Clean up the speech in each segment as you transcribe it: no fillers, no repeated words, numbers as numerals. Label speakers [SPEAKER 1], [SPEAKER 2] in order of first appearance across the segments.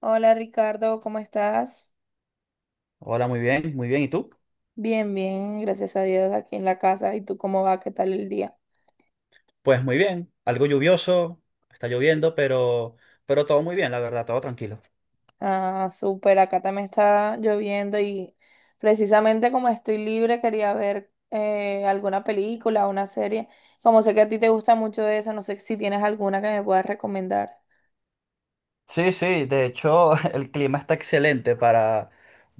[SPEAKER 1] Hola Ricardo, ¿cómo estás?
[SPEAKER 2] Hola, muy bien, muy bien. ¿Y tú?
[SPEAKER 1] Bien, bien, gracias a Dios aquí en la casa. ¿Y tú cómo va? ¿Qué tal el día?
[SPEAKER 2] Pues muy bien, algo lluvioso, está lloviendo, pero todo muy bien, la verdad, todo tranquilo.
[SPEAKER 1] Ah, súper, acá también está lloviendo y precisamente como estoy libre quería ver alguna película, una serie. Como sé que a ti te gusta mucho eso, no sé si tienes alguna que me puedas recomendar.
[SPEAKER 2] Sí, sí, de hecho el clima está excelente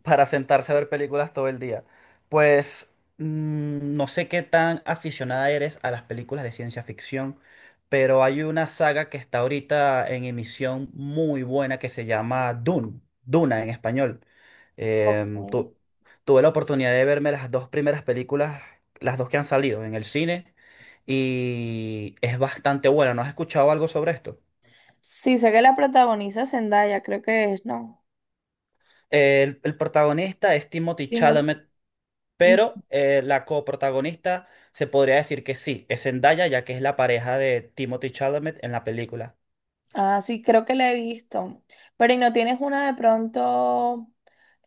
[SPEAKER 2] para sentarse a ver películas todo el día. Pues no sé qué tan aficionada eres a las películas de ciencia ficción, pero hay una saga que está ahorita en emisión muy buena que se llama Dune, Duna en español.
[SPEAKER 1] Ok.
[SPEAKER 2] Em, tu- Tuve la oportunidad de verme las dos primeras películas, las dos que han salido en el cine, y es bastante buena. ¿No has escuchado algo sobre esto?
[SPEAKER 1] Sí, sé que la protagoniza Zendaya, creo que es, ¿no?
[SPEAKER 2] El protagonista es Timothy
[SPEAKER 1] Timothy.
[SPEAKER 2] Chalamet, pero la coprotagonista se podría decir que sí, es Zendaya, ya que es la pareja de Timothy Chalamet en la película.
[SPEAKER 1] Ah, sí, creo que la he visto. Pero ¿y no tienes una de pronto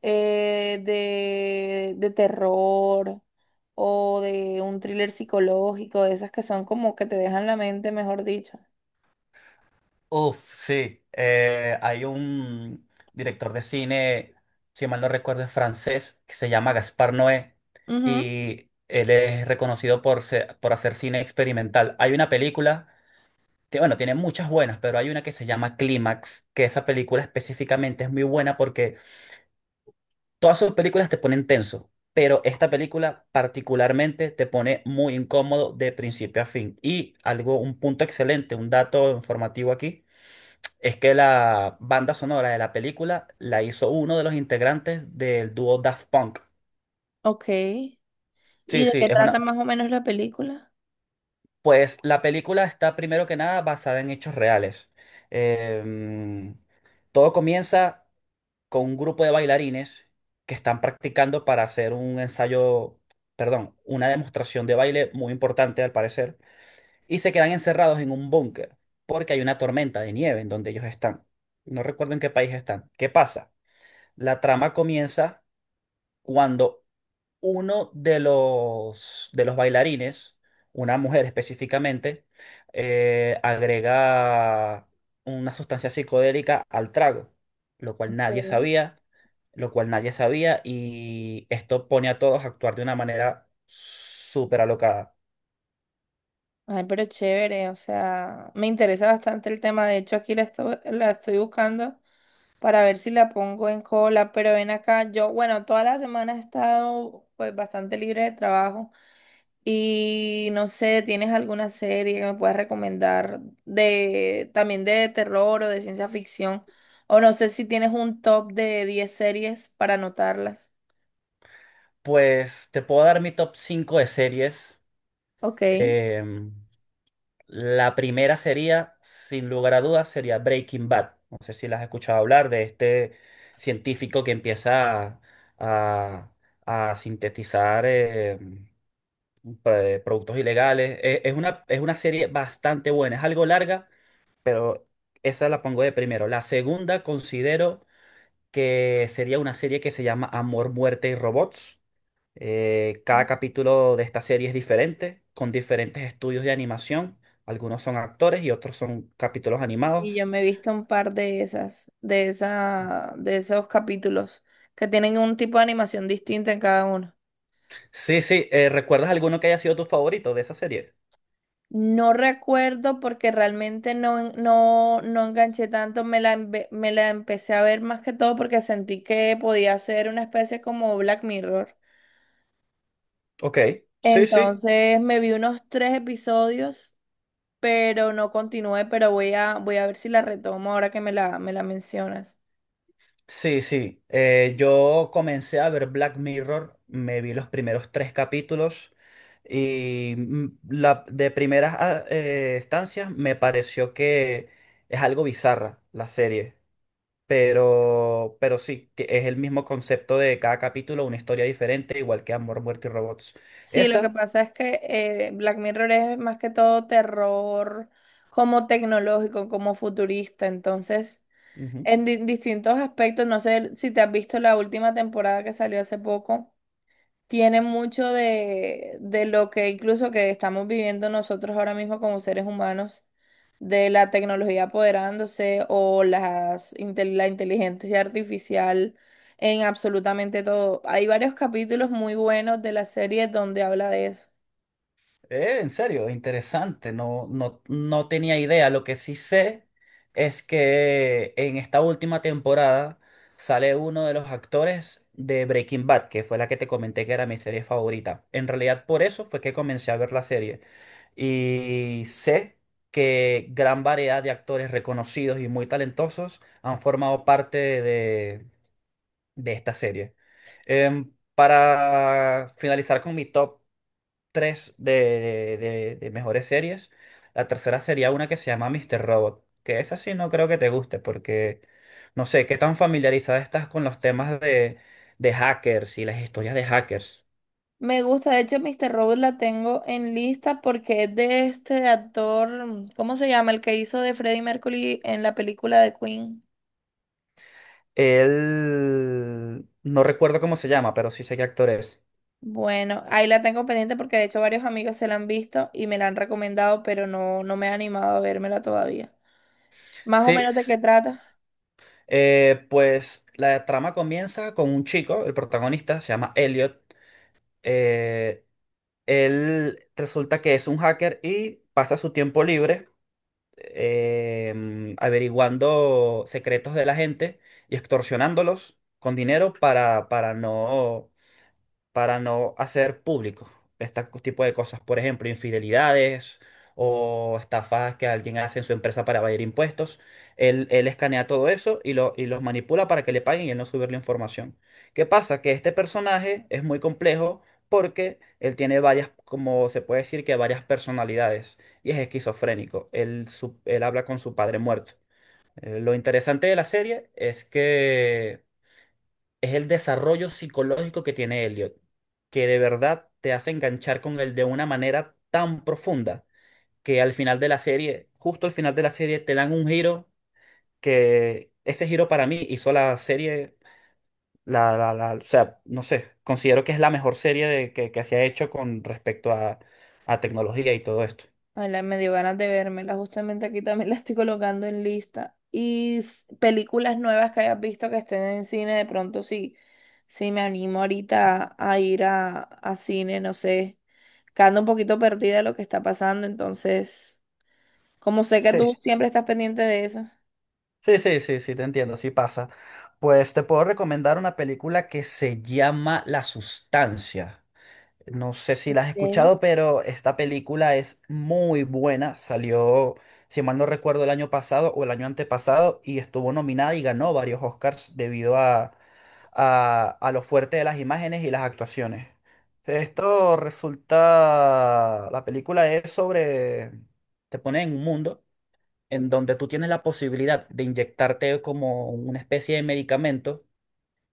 [SPEAKER 1] de terror o de un thriller psicológico, de esas que son como que te dejan la mente, mejor dicho?
[SPEAKER 2] Uf, sí. Hay un director de cine, si mal no recuerdo, es francés, que se llama Gaspar Noé,
[SPEAKER 1] Ujú.
[SPEAKER 2] y él es reconocido por, por hacer cine experimental. Hay una película que, bueno, tiene muchas buenas, pero hay una que se llama Clímax, que esa película específicamente es muy buena porque todas sus películas te ponen tenso, pero esta película particularmente te pone muy incómodo de principio a fin. Y algo, un punto excelente, un dato informativo aquí, es que la banda sonora de la película la hizo uno de los integrantes del dúo Daft Punk.
[SPEAKER 1] Ok. ¿Y
[SPEAKER 2] Sí,
[SPEAKER 1] de
[SPEAKER 2] sí,
[SPEAKER 1] qué
[SPEAKER 2] es
[SPEAKER 1] trata
[SPEAKER 2] una...
[SPEAKER 1] más o menos la película?
[SPEAKER 2] Pues la película está primero que nada basada en hechos reales. Em, Todo comienza con un grupo de bailarines que están practicando para hacer un ensayo, perdón, una demostración de baile muy importante al parecer, y se quedan encerrados en un búnker porque hay una tormenta de nieve en donde ellos están. No recuerdo en qué país están. ¿Qué pasa? La trama comienza cuando uno de los bailarines, una mujer específicamente, agrega una sustancia psicodélica al trago, lo cual nadie
[SPEAKER 1] Ok.
[SPEAKER 2] sabía lo cual nadie sabía y esto pone a todos a actuar de una manera súper alocada.
[SPEAKER 1] Ay, pero chévere, o sea, me interesa bastante el tema. De hecho, la estoy buscando para ver si la pongo en cola, pero ven acá, yo, bueno, toda la semana he estado pues bastante libre de trabajo y no sé, ¿tienes alguna serie que me puedas recomendar de también de terror o de ciencia ficción? O no sé si tienes un top de 10 series para anotarlas.
[SPEAKER 2] Pues te puedo dar mi top 5 de series.
[SPEAKER 1] Ok.
[SPEAKER 2] Em, la primera sería, sin lugar a dudas, sería Breaking Bad. No sé si las has escuchado hablar de este científico que empieza a- a sintetizar productos ilegales. Es una serie bastante buena, es algo larga, pero esa la pongo de primero. La segunda considero que sería una serie que se llama Amor, Muerte y Robots. Cada capítulo de esta serie es diferente, con diferentes estudios de animación. Algunos son actores y otros son capítulos
[SPEAKER 1] Y
[SPEAKER 2] animados.
[SPEAKER 1] yo me he visto un par de esas, de esos capítulos que tienen un tipo de animación distinta en cada uno.
[SPEAKER 2] Sí, sí, ¿recuerdas alguno que haya sido tu favorito de esa serie?
[SPEAKER 1] No recuerdo porque realmente no, no enganché tanto, me la empecé a ver más que todo porque sentí que podía ser una especie como Black Mirror.
[SPEAKER 2] Ok, sí, sí.
[SPEAKER 1] Entonces me vi unos tres episodios, pero no continué, pero voy a ver si la retomo ahora que me la mencionas.
[SPEAKER 2] Sí, sí. Yo comencé a ver Black Mirror, me vi los primeros tres capítulos y de primeras estancias me pareció que es algo bizarra la serie. Pero sí, que es el mismo concepto de cada capítulo, una historia diferente, igual que Amor, Muerte y Robots.
[SPEAKER 1] Sí, lo que
[SPEAKER 2] Esa,
[SPEAKER 1] pasa es que Black Mirror es más que todo terror como tecnológico, como futurista, entonces
[SPEAKER 2] ujú,
[SPEAKER 1] en distintos aspectos. No sé si te has visto la última temporada que salió hace poco. Tiene mucho de lo que incluso que estamos viviendo nosotros ahora mismo como seres humanos, de la tecnología apoderándose o la inteligencia artificial en absolutamente todo. Hay varios capítulos muy buenos de la serie donde habla de eso.
[SPEAKER 2] En serio, interesante. No, no, no tenía idea. Lo que sí sé es que en esta última temporada sale uno de los actores de Breaking Bad, que fue la que te comenté que era mi serie favorita. En realidad, por eso fue que comencé a ver la serie. Y sé que gran variedad de actores reconocidos y muy talentosos han formado parte de esta serie. Para finalizar con mi top tres de mejores series. La tercera sería una que se llama Mr. Robot, que esa sí no creo que te guste porque no sé qué tan familiarizada estás con los temas de hackers y las historias de hackers.
[SPEAKER 1] Me gusta, de hecho, Mr. Robot la tengo en lista porque es de este actor, ¿cómo se llama? El que hizo de Freddie Mercury en la película de Queen.
[SPEAKER 2] Él no recuerdo cómo se llama, pero sí sé qué actor es.
[SPEAKER 1] Bueno, ahí la tengo pendiente porque de hecho varios amigos se la han visto y me la han recomendado, pero no, no me he animado a vérmela todavía. Más o
[SPEAKER 2] Sí,
[SPEAKER 1] menos de
[SPEAKER 2] s-
[SPEAKER 1] qué trata.
[SPEAKER 2] pues la trama comienza con un chico, el protagonista se llama Elliot. eh, él resulta que es un hacker y pasa su tiempo libre averiguando secretos de la gente y extorsionándolos con dinero para no hacer público este tipo de cosas. Por ejemplo, infidelidades o estafas que alguien hace en su empresa para evadir impuestos. Él escanea todo eso y, lo, y los manipula para que le paguen y él no subir la información. ¿Qué pasa? Que este personaje es muy complejo porque él tiene varias, como se puede decir que varias personalidades y es esquizofrénico. Él habla con su padre muerto. Lo interesante de la serie es que es el desarrollo psicológico que tiene Elliot, que de verdad te hace enganchar con él de una manera tan profunda que al final de la serie, justo al final de la serie, te dan un giro que ese giro para mí hizo la serie, o sea, no sé, considero que es la mejor serie de, que se ha hecho con respecto a tecnología y todo esto.
[SPEAKER 1] Ay, me dio ganas de vérmela. Justamente aquí también la estoy colocando en lista. Y películas nuevas que hayas visto que estén en cine, de pronto sí, sí me animo ahorita a ir a cine, no sé. Que ando un poquito perdida de lo que está pasando, entonces, como sé que
[SPEAKER 2] Sí,
[SPEAKER 1] tú siempre estás pendiente de eso.
[SPEAKER 2] sí, sí, sí, sí, te entiendo, sí pasa. Pues te puedo recomendar una película que se llama La Sustancia. No sé si la has
[SPEAKER 1] Ok.
[SPEAKER 2] escuchado, pero esta película es muy buena. Salió, si mal no recuerdo, el año pasado o el año antepasado y estuvo nominada y ganó varios Oscars debido a lo fuerte de las imágenes y las actuaciones. Esto resulta, la película es sobre, te pone en un mundo en donde tú tienes la posibilidad de inyectarte como una especie de medicamento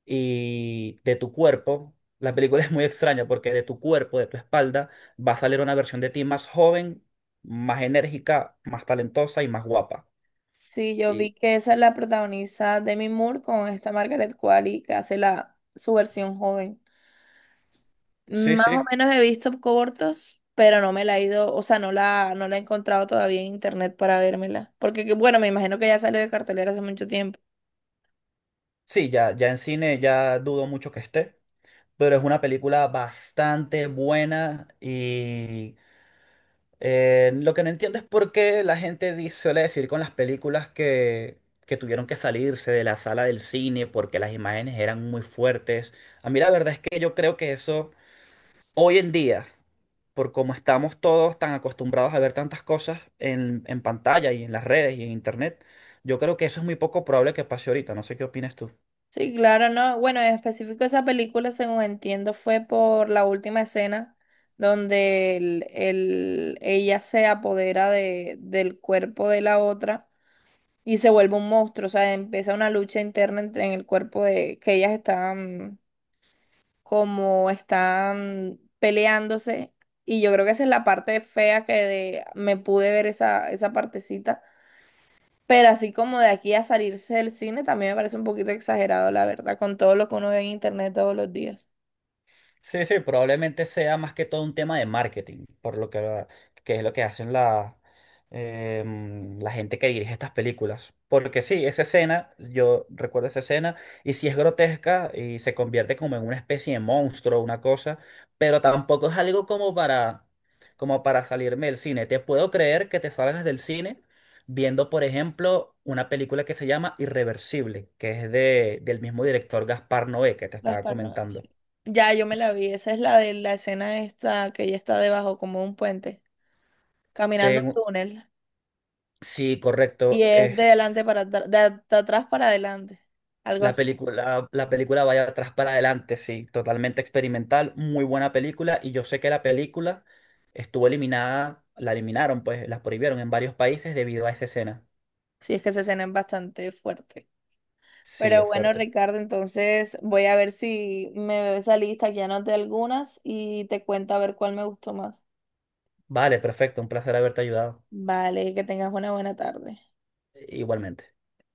[SPEAKER 2] y de tu cuerpo. La película es muy extraña porque de tu cuerpo, de tu espalda, va a salir una versión de ti más joven, más enérgica, más talentosa y más guapa.
[SPEAKER 1] Sí, yo vi
[SPEAKER 2] Y
[SPEAKER 1] que esa es la protagonista Demi Moore con esta Margaret Qualley que hace la, su versión joven.
[SPEAKER 2] sí,
[SPEAKER 1] Más
[SPEAKER 2] sí,
[SPEAKER 1] o menos he visto cortos, pero no me la he ido, o sea, no la he encontrado todavía en internet para vérmela. Porque, bueno, me imagino que ya salió de cartelera hace mucho tiempo.
[SPEAKER 2] sí, ya, ya en cine ya dudo mucho que esté, pero es una película bastante buena y lo que no entiendo es por qué la gente dice, suele decir con las películas que tuvieron que salirse de la sala del cine porque las imágenes eran muy fuertes. A mí la verdad es que yo creo que eso... Hoy en día, por como estamos todos tan acostumbrados a ver tantas cosas en pantalla y en las redes y en internet, yo creo que eso es muy poco probable que pase ahorita. No sé qué opinas tú.
[SPEAKER 1] Sí, claro, no. Bueno, en específico esa película, según entiendo, fue por la última escena donde ella se apodera de, del cuerpo de la otra y se vuelve un monstruo. O sea, empieza una lucha interna entre en el cuerpo de que ellas estaban como están peleándose. Y yo creo que esa es la parte fea que de, me pude ver esa partecita. Pero así como de aquí a salirse del cine, también me parece un poquito exagerado, la verdad, con todo lo que uno ve en internet todos los días.
[SPEAKER 2] Sí, sí, probablemente sea más que todo un tema de marketing, por lo que es lo que hacen la, la gente que dirige estas películas. Porque sí, esa escena, yo recuerdo esa escena, y sí es grotesca y se convierte como en una especie de monstruo, una cosa, pero tampoco es algo como para, como para salirme del cine. Te puedo creer que te salgas del cine viendo, por ejemplo, una película que se llama Irreversible, que es de, del mismo director Gaspar Noé que te estaba
[SPEAKER 1] Gaspar Noé,
[SPEAKER 2] comentando.
[SPEAKER 1] sí. Ya, yo me la vi. Esa es la de la escena esta que ella está debajo como de un puente, caminando un túnel.
[SPEAKER 2] Sí,
[SPEAKER 1] Y
[SPEAKER 2] correcto.
[SPEAKER 1] es de
[SPEAKER 2] Es
[SPEAKER 1] adelante para atr- de, at- de atrás para adelante. Algo así.
[SPEAKER 2] la película vaya atrás para adelante, sí, totalmente experimental, muy buena película. Y yo sé que la película estuvo eliminada, la eliminaron, pues la prohibieron en varios países debido a esa escena.
[SPEAKER 1] Sí, es que esa escena es bastante fuerte.
[SPEAKER 2] Sí,
[SPEAKER 1] Pero
[SPEAKER 2] es
[SPEAKER 1] bueno,
[SPEAKER 2] fuerte.
[SPEAKER 1] Ricardo, entonces voy a ver si me veo esa lista, que ya anoté algunas y te cuento a ver cuál me gustó más.
[SPEAKER 2] Vale, perfecto, un placer haberte ayudado.
[SPEAKER 1] Vale, que tengas una buena tarde.
[SPEAKER 2] Igualmente.